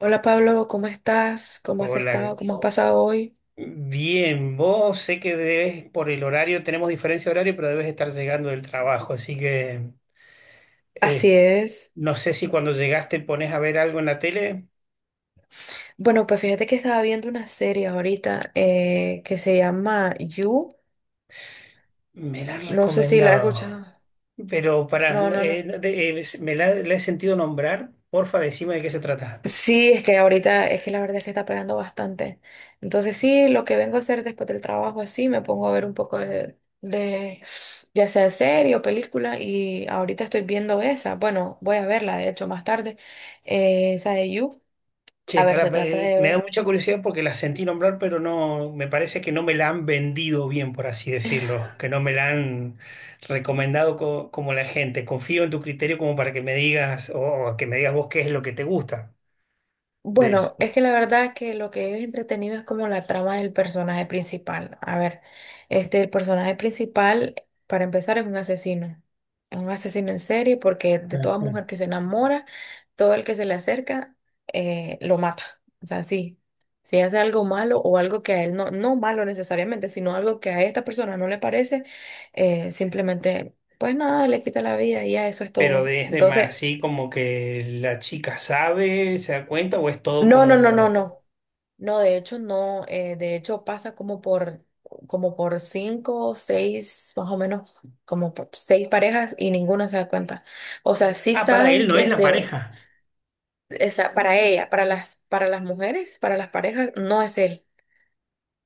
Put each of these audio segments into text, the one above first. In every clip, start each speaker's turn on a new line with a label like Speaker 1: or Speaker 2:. Speaker 1: Hola Pablo, ¿cómo estás? ¿Cómo has estado?
Speaker 2: Hola.
Speaker 1: ¿Cómo has pasado hoy?
Speaker 2: Bien, vos sé que debes, por el horario, tenemos diferencia de horario, pero debes estar llegando del trabajo, así que eh,
Speaker 1: Así es.
Speaker 2: no sé si cuando llegaste pones a ver algo en la tele,
Speaker 1: Bueno, pues fíjate que estaba viendo una serie ahorita que se llama You.
Speaker 2: me la han
Speaker 1: No sé si la has escuchado.
Speaker 2: recomendado, pero para,
Speaker 1: No, no, no.
Speaker 2: la he sentido nombrar, porfa, decime de qué se trata.
Speaker 1: Sí, es que ahorita es que la verdad es que está pegando bastante. Entonces sí, lo que vengo a hacer después del trabajo así, me pongo a ver un poco de ya sea serie o película y ahorita estoy viendo esa. Bueno, voy a verla de hecho más tarde, esa de You.
Speaker 2: Che,
Speaker 1: A ver,
Speaker 2: pará,
Speaker 1: se trata de
Speaker 2: me da
Speaker 1: ver.
Speaker 2: mucha curiosidad porque la sentí nombrar, pero no, me parece que no me la han vendido bien, por así decirlo, que no me la han recomendado como la gente. Confío en tu criterio como para que me digas, o que me digas vos qué es lo que te gusta de eso.
Speaker 1: Bueno, es que la verdad es que lo que es entretenido es como la trama del personaje principal. A ver, el personaje principal, para empezar, es un asesino. Es un asesino en serie porque de toda
Speaker 2: Ajá.
Speaker 1: mujer que se enamora, todo el que se le acerca, lo mata. O sea, sí, si hace algo malo o algo que a él no, no malo necesariamente, sino algo que a esta persona no le parece, simplemente, pues nada, le quita la vida y ya eso es
Speaker 2: Pero
Speaker 1: todo.
Speaker 2: es de más,
Speaker 1: Entonces,
Speaker 2: así como que la chica sabe, se da cuenta, o es todo
Speaker 1: no, no, no, no,
Speaker 2: como.
Speaker 1: no. No, de hecho no, de hecho pasa como como por cinco o seis, más o menos, como por seis parejas y ninguna se da cuenta. O sea, sí
Speaker 2: Ah, para
Speaker 1: saben
Speaker 2: él no es
Speaker 1: que
Speaker 2: la
Speaker 1: se,
Speaker 2: pareja.
Speaker 1: para ella, para las mujeres, para las parejas, no es él.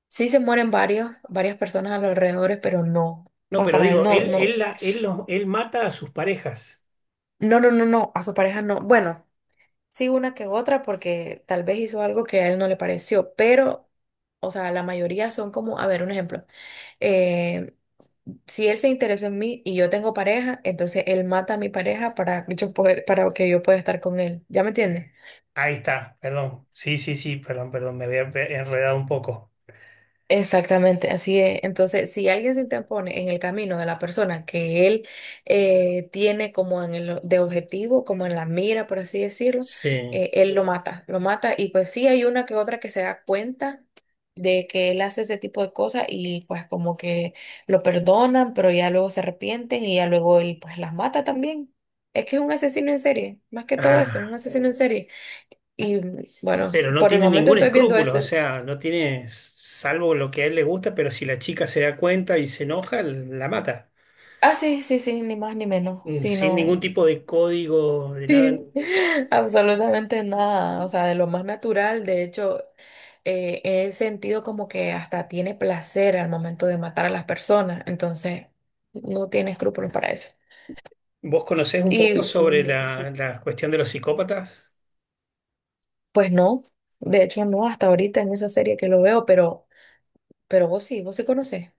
Speaker 1: Sí se mueren varios, varias personas a los alrededores, pero no,
Speaker 2: No, pero
Speaker 1: para él
Speaker 2: digo,
Speaker 1: no,
Speaker 2: él,
Speaker 1: no,
Speaker 2: él, la- él, los- él mata a sus parejas.
Speaker 1: no, no, no, no, a su pareja no. Bueno, sí una que otra porque tal vez hizo algo que a él no le pareció, pero, o sea, la mayoría son como, a ver, un ejemplo. eh, si él se interesó en mí y yo tengo pareja, entonces él mata a mi pareja para que yo poder, para que yo pueda estar con él. ¿Ya me entiendes?
Speaker 2: Ahí está, perdón. Sí, sí, sí, perdón, perdón, me había enredado un poco.
Speaker 1: Exactamente, así es. Entonces, si alguien se interpone en el camino de la persona que él tiene como en el, de objetivo, como en la mira, por así decirlo,
Speaker 2: Sí.
Speaker 1: él lo mata, lo mata. Y pues sí hay una que otra que se da cuenta de que él hace ese tipo de cosas y pues como que lo perdonan, pero ya luego se arrepienten y ya luego él pues las mata también. Es que es un asesino en serie, más que todo eso, es un
Speaker 2: Ah,
Speaker 1: asesino en serie. Y bueno,
Speaker 2: pero no
Speaker 1: por el
Speaker 2: tiene
Speaker 1: momento
Speaker 2: ningún
Speaker 1: estoy viendo
Speaker 2: escrúpulo, o
Speaker 1: esa.
Speaker 2: sea, no tiene, salvo lo que a él le gusta, pero si la chica se da cuenta y se enoja, la mata.
Speaker 1: Ah, sí, sí, sí, ni más ni menos,
Speaker 2: Sin
Speaker 1: sino
Speaker 2: ningún tipo de código, de nada.
Speaker 1: sí, absolutamente nada, o sea, de lo más natural, de hecho, en el sentido como que hasta tiene placer al momento de matar a las personas, entonces no tiene escrúpulos para eso.
Speaker 2: ¿Vos conocés un poco
Speaker 1: Y
Speaker 2: sobre la cuestión de los psicópatas?
Speaker 1: pues no, de hecho no, hasta ahorita en esa serie que lo veo, pero vos sí conocés.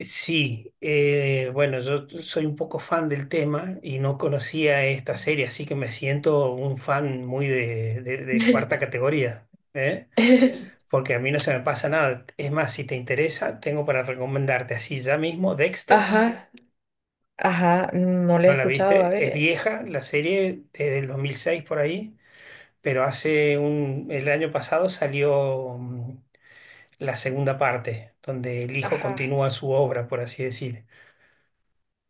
Speaker 2: Sí, bueno, yo soy un poco fan del tema y no conocía esta serie, así que me siento un fan muy de cuarta categoría, ¿eh? Porque a mí no se me pasa nada. Es más, si te interesa, tengo para recomendarte así ya mismo Dexter.
Speaker 1: Ajá, ajá, no le he
Speaker 2: ¿No la
Speaker 1: escuchado, a
Speaker 2: viste?
Speaker 1: ver,
Speaker 2: Es vieja la serie, desde el 2006 por ahí, pero hace el año pasado salió la segunda parte, donde el hijo
Speaker 1: ajá.
Speaker 2: continúa su obra, por así decir.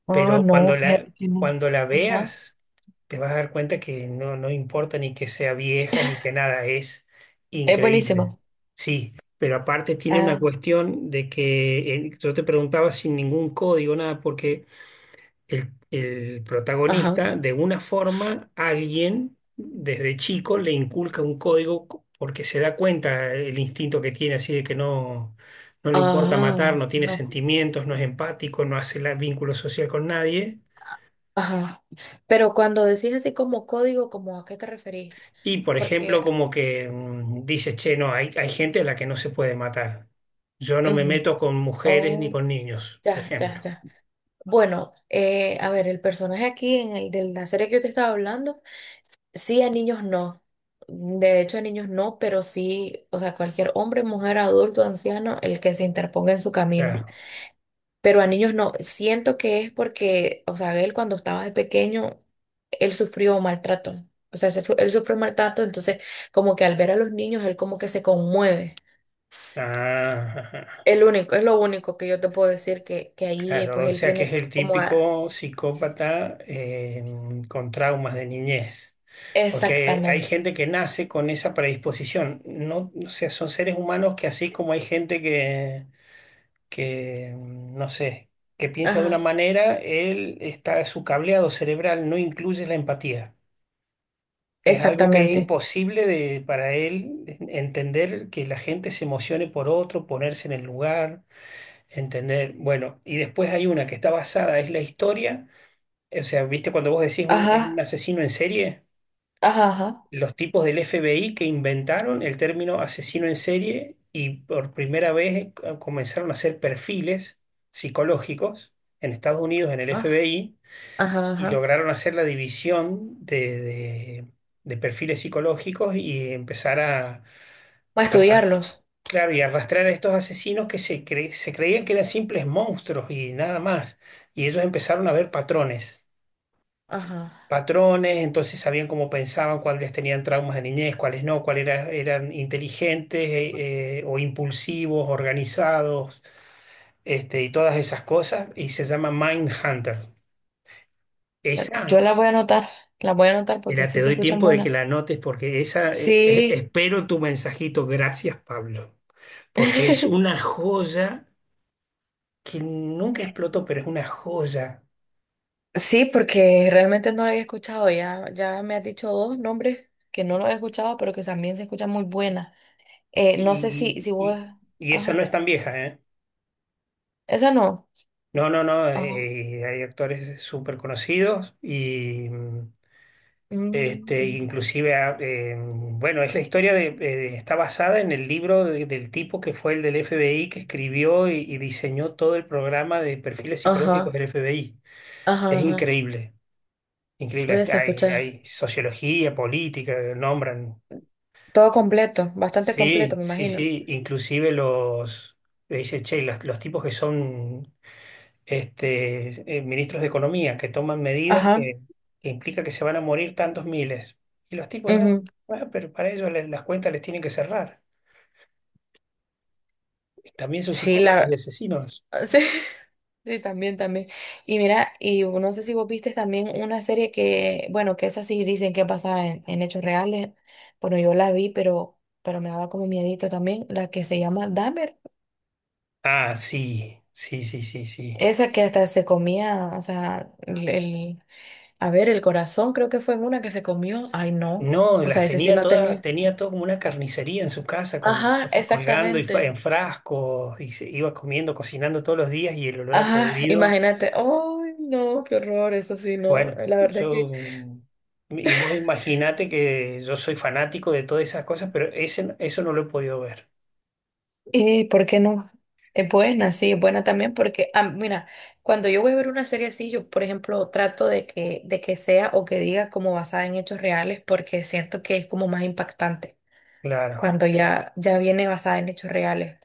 Speaker 1: Ah,
Speaker 2: Pero
Speaker 1: no, fíjate que no.
Speaker 2: cuando la
Speaker 1: Ajá.
Speaker 2: veas, te vas a dar cuenta que no, no importa ni que sea vieja ni que nada, es
Speaker 1: Es
Speaker 2: increíble.
Speaker 1: buenísimo.
Speaker 2: Sí, pero aparte tiene una
Speaker 1: Ah,
Speaker 2: cuestión de que yo te preguntaba sin ningún código, nada, porque el
Speaker 1: ajá,
Speaker 2: protagonista, de una forma, alguien desde chico le inculca un código porque se da cuenta el instinto que tiene, así de que no, no
Speaker 1: ah
Speaker 2: le importa matar,
Speaker 1: ajá,
Speaker 2: no tiene
Speaker 1: no,
Speaker 2: sentimientos, no es empático, no hace vínculo social con nadie.
Speaker 1: ajá. Pero cuando decís así como código, ¿como a qué te referís?
Speaker 2: Y por
Speaker 1: Porque,
Speaker 2: ejemplo, como que dices, che, no, hay gente a la que no se puede matar. Yo no me
Speaker 1: ujú,
Speaker 2: meto con mujeres ni
Speaker 1: oh,
Speaker 2: con niños, por
Speaker 1: ya, ya,
Speaker 2: ejemplo.
Speaker 1: ya. Bueno, a ver, el personaje aquí en el de la serie que yo te estaba hablando, sí a niños no. De hecho, a niños no, pero sí, o sea, cualquier hombre, mujer, adulto, anciano, el que se interponga en su camino.
Speaker 2: Claro.
Speaker 1: Pero a niños no. Siento que es porque, o sea, él cuando estaba de pequeño, él sufrió maltrato. O sea, él sufrió maltrato, entonces como que al ver a los niños, él como que se conmueve.
Speaker 2: Ah,
Speaker 1: El único, es lo único que yo te puedo decir que ahí
Speaker 2: claro,
Speaker 1: pues
Speaker 2: o
Speaker 1: él
Speaker 2: sea que es
Speaker 1: tiene
Speaker 2: el
Speaker 1: como...
Speaker 2: típico psicópata, con traumas de niñez. Porque hay
Speaker 1: Exactamente.
Speaker 2: gente que nace con esa predisposición. No, o sea, son seres humanos que así como hay gente que, no sé, que piensa de una
Speaker 1: Ajá.
Speaker 2: manera, él está, su cableado cerebral no incluye la empatía. Es algo que es
Speaker 1: Exactamente.
Speaker 2: imposible de, para él entender que la gente se emocione por otro, ponerse en el lugar, entender. Bueno, y después hay una que está basada, es la historia. O sea, viste cuando vos decís es un
Speaker 1: Ajá.
Speaker 2: asesino en serie,
Speaker 1: Ajá, ajá.
Speaker 2: los tipos del FBI que inventaron el término asesino en serie y por primera vez comenzaron a hacer perfiles psicológicos en Estados Unidos, en el
Speaker 1: Ah,
Speaker 2: FBI,
Speaker 1: ajá,
Speaker 2: y
Speaker 1: ajá.
Speaker 2: lograron hacer la división de perfiles psicológicos y empezar a,
Speaker 1: Para estudiarlos.
Speaker 2: claro, y arrastrar a estos asesinos que se creían que eran simples monstruos y nada más. Y ellos empezaron a ver patrones,
Speaker 1: Ajá.
Speaker 2: patrones, entonces sabían cómo pensaban, cuáles tenían traumas de niñez, cuáles no, cuáles eran inteligentes, o impulsivos, organizados, este, y todas esas cosas, y se llama Mindhunter. Esa
Speaker 1: Yo las voy a anotar, las voy a anotar porque
Speaker 2: Mira, te
Speaker 1: sí se
Speaker 2: doy
Speaker 1: escuchan
Speaker 2: tiempo de que
Speaker 1: buenas.
Speaker 2: la anotes porque esa,
Speaker 1: Sí.
Speaker 2: espero tu mensajito. Gracias, Pablo, porque es una joya que nunca explotó, pero es una joya.
Speaker 1: Sí, porque realmente no la había escuchado. Ya, ya me has dicho dos nombres que no los he escuchado, pero que también se escuchan muy buenas. No sé si,
Speaker 2: Y,
Speaker 1: si
Speaker 2: y-
Speaker 1: vos.
Speaker 2: y esa no
Speaker 1: Ajá.
Speaker 2: es tan vieja, ¿eh?
Speaker 1: Esa no.
Speaker 2: No, no, no.
Speaker 1: Ajá.
Speaker 2: Hay actores súper conocidos y
Speaker 1: Mm,
Speaker 2: este,
Speaker 1: mm.
Speaker 2: inclusive, bueno, es la historia está basada en el libro del tipo que fue el del FBI que escribió y diseñó todo el programa de perfiles psicológicos
Speaker 1: Ajá.
Speaker 2: del FBI.
Speaker 1: Ajá.
Speaker 2: Es
Speaker 1: Ajá.
Speaker 2: increíble, increíble.
Speaker 1: Voy a
Speaker 2: Este, Hay,
Speaker 1: escuchar.
Speaker 2: hay sociología, política, nombran.
Speaker 1: Todo completo, bastante completo,
Speaker 2: Sí,
Speaker 1: me
Speaker 2: sí,
Speaker 1: imagino.
Speaker 2: sí. Inclusive le dice, che, los tipos que son este, ministros de economía, que toman medidas
Speaker 1: Ajá.
Speaker 2: que implica que se van a morir tantos miles. Y los tipos no,
Speaker 1: Ujú.
Speaker 2: "Ah, pero para ellos las cuentas les tienen que cerrar. También son
Speaker 1: Sí,
Speaker 2: psicópatas y
Speaker 1: la.
Speaker 2: asesinos."
Speaker 1: Sí. Sí, también, también. Y mira, y no sé si vos viste también una serie que, bueno, que esa sí dicen que pasa en hechos reales. Bueno, yo la vi, pero me daba como miedito también, la que se llama Dahmer.
Speaker 2: Ah, sí, sí, sí, sí, sí.
Speaker 1: Esa que hasta se comía, o sea, a ver, el corazón creo que fue en una que se comió. Ay, no.
Speaker 2: No,
Speaker 1: O
Speaker 2: las
Speaker 1: sea, ese sí
Speaker 2: tenía
Speaker 1: no
Speaker 2: todas,
Speaker 1: tenía.
Speaker 2: tenía todo como una carnicería en su casa con
Speaker 1: Ajá,
Speaker 2: cosas colgando y en
Speaker 1: exactamente.
Speaker 2: frascos y se iba comiendo, cocinando todos los días y el olor a
Speaker 1: Ajá,
Speaker 2: podrido.
Speaker 1: imagínate. Ay, no, qué horror, eso sí, no.
Speaker 2: Bueno,
Speaker 1: La verdad es que...
Speaker 2: y vos imaginate que yo soy fanático de todas esas cosas, pero ese, eso no lo he podido ver.
Speaker 1: ¿Y por qué no? Es buena, sí,
Speaker 2: Sí.
Speaker 1: es buena también porque, ah, mira, cuando yo voy a ver una serie así, yo, por ejemplo, trato de que sea o que diga como basada en hechos reales porque siento que es como más impactante
Speaker 2: Claro,
Speaker 1: cuando ya, ya viene basada en hechos reales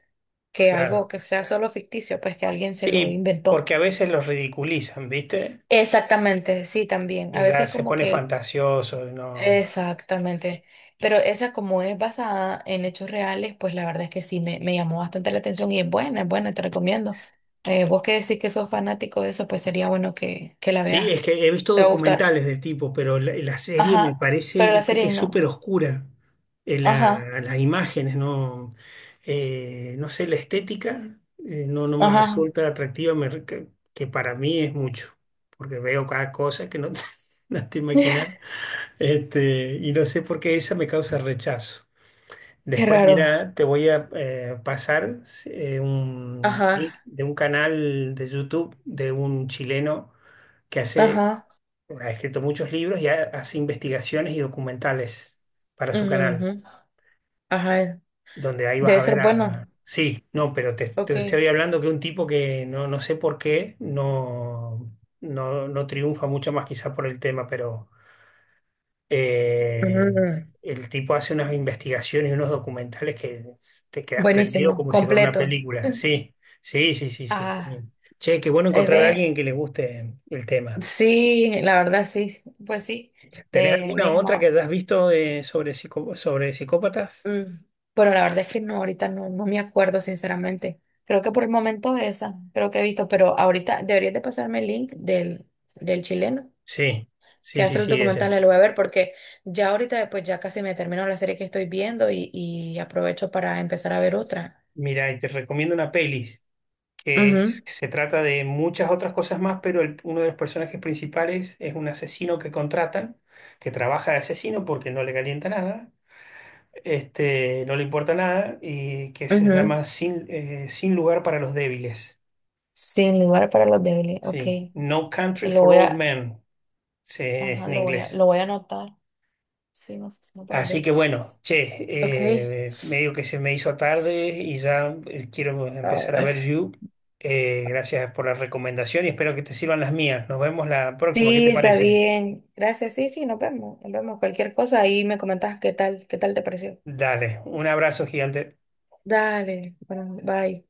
Speaker 1: que algo
Speaker 2: claro.
Speaker 1: que sea solo ficticio, pues que alguien se lo
Speaker 2: Sí,
Speaker 1: inventó.
Speaker 2: porque a veces los ridiculizan, ¿viste?
Speaker 1: Exactamente, sí, también.
Speaker 2: Y
Speaker 1: A
Speaker 2: ya
Speaker 1: veces
Speaker 2: se
Speaker 1: como
Speaker 2: pone
Speaker 1: que
Speaker 2: fantasioso, no.
Speaker 1: exactamente. Pero esa como es basada en hechos reales, pues la verdad es que sí me llamó bastante la atención y es buena, te recomiendo. Vos que decís que sos fanático de eso, pues sería bueno que la
Speaker 2: Sí,
Speaker 1: veas.
Speaker 2: es que he visto
Speaker 1: Te va a gustar.
Speaker 2: documentales del tipo, pero la serie me
Speaker 1: Ajá.
Speaker 2: parece,
Speaker 1: Pero la
Speaker 2: viste, que
Speaker 1: serie
Speaker 2: es súper
Speaker 1: no.
Speaker 2: oscura. La-
Speaker 1: Ajá.
Speaker 2: las imágenes, no, no sé, la estética, no, no me
Speaker 1: Ajá.
Speaker 2: resulta atractiva, que para mí es mucho, porque veo cada cosa que no te, no te imaginas, este, y no sé por qué esa me causa rechazo.
Speaker 1: Qué
Speaker 2: Después,
Speaker 1: raro.
Speaker 2: mira, te voy a pasar un link
Speaker 1: Ajá.
Speaker 2: de un canal de YouTube de un chileno que hace
Speaker 1: Ajá.
Speaker 2: ha escrito muchos libros y hace investigaciones y documentales para su canal,
Speaker 1: Ujú, ajá.
Speaker 2: donde ahí vas
Speaker 1: Debe
Speaker 2: a
Speaker 1: ser
Speaker 2: ver
Speaker 1: bueno.
Speaker 2: a... Sí, no, pero te
Speaker 1: Ok.
Speaker 2: estoy hablando que un tipo que no, no sé por qué no, no, no triunfa mucho más quizá por el tema, pero eh,
Speaker 1: Ujú.
Speaker 2: el tipo hace unas investigaciones y unos documentales que te quedas prendido
Speaker 1: Buenísimo.
Speaker 2: como si fuera una
Speaker 1: Completo.
Speaker 2: película. Sí, sí, sí, sí, sí, sí.
Speaker 1: Ah,
Speaker 2: Che, qué bueno
Speaker 1: es
Speaker 2: encontrar a
Speaker 1: de
Speaker 2: alguien que le guste el tema.
Speaker 1: sí, la verdad sí, pues sí,
Speaker 2: ¿Tenés
Speaker 1: me
Speaker 2: alguna otra que
Speaker 1: llamaba.
Speaker 2: hayas visto, sobre, sobre psicópatas?
Speaker 1: Mm, pero la verdad es que no, ahorita no, no me acuerdo, sinceramente. Creo que por el momento esa, creo que he visto, pero ahorita deberías de pasarme el link del, del chileno
Speaker 2: Sí,
Speaker 1: que
Speaker 2: sí, sí,
Speaker 1: hace los
Speaker 2: sí, esa.
Speaker 1: documentales, lo voy a ver porque ya ahorita pues ya casi me termino la serie que estoy viendo y aprovecho para empezar a ver otra.
Speaker 2: Mira, y te recomiendo una peli
Speaker 1: Ujú,
Speaker 2: que se trata de muchas otras cosas más, pero uno de los personajes principales es un asesino que contratan, que trabaja de asesino porque no le calienta nada, este, no le importa nada, y que se
Speaker 1: ujú.
Speaker 2: llama Sin lugar para los débiles.
Speaker 1: Sin lugar para los débiles, ok.
Speaker 2: Sí, No Country
Speaker 1: Lo
Speaker 2: for
Speaker 1: voy
Speaker 2: Old
Speaker 1: a,
Speaker 2: Men,
Speaker 1: ajá,
Speaker 2: en
Speaker 1: lo
Speaker 2: inglés.
Speaker 1: voy a anotar. Sí, no sé si no para el
Speaker 2: Así
Speaker 1: débil.
Speaker 2: que bueno, che,
Speaker 1: Ok.
Speaker 2: medio que se me hizo tarde y ya quiero empezar a ver You. Gracias por la recomendación y espero que te sirvan las mías. Nos vemos la próxima, ¿qué te
Speaker 1: Sí, está
Speaker 2: parece?
Speaker 1: bien. Gracias. Sí, sí, nos vemos. Nos vemos. Cualquier cosa ahí me comentas qué tal te pareció.
Speaker 2: Dale, un abrazo gigante.
Speaker 1: Dale. Bueno, bye.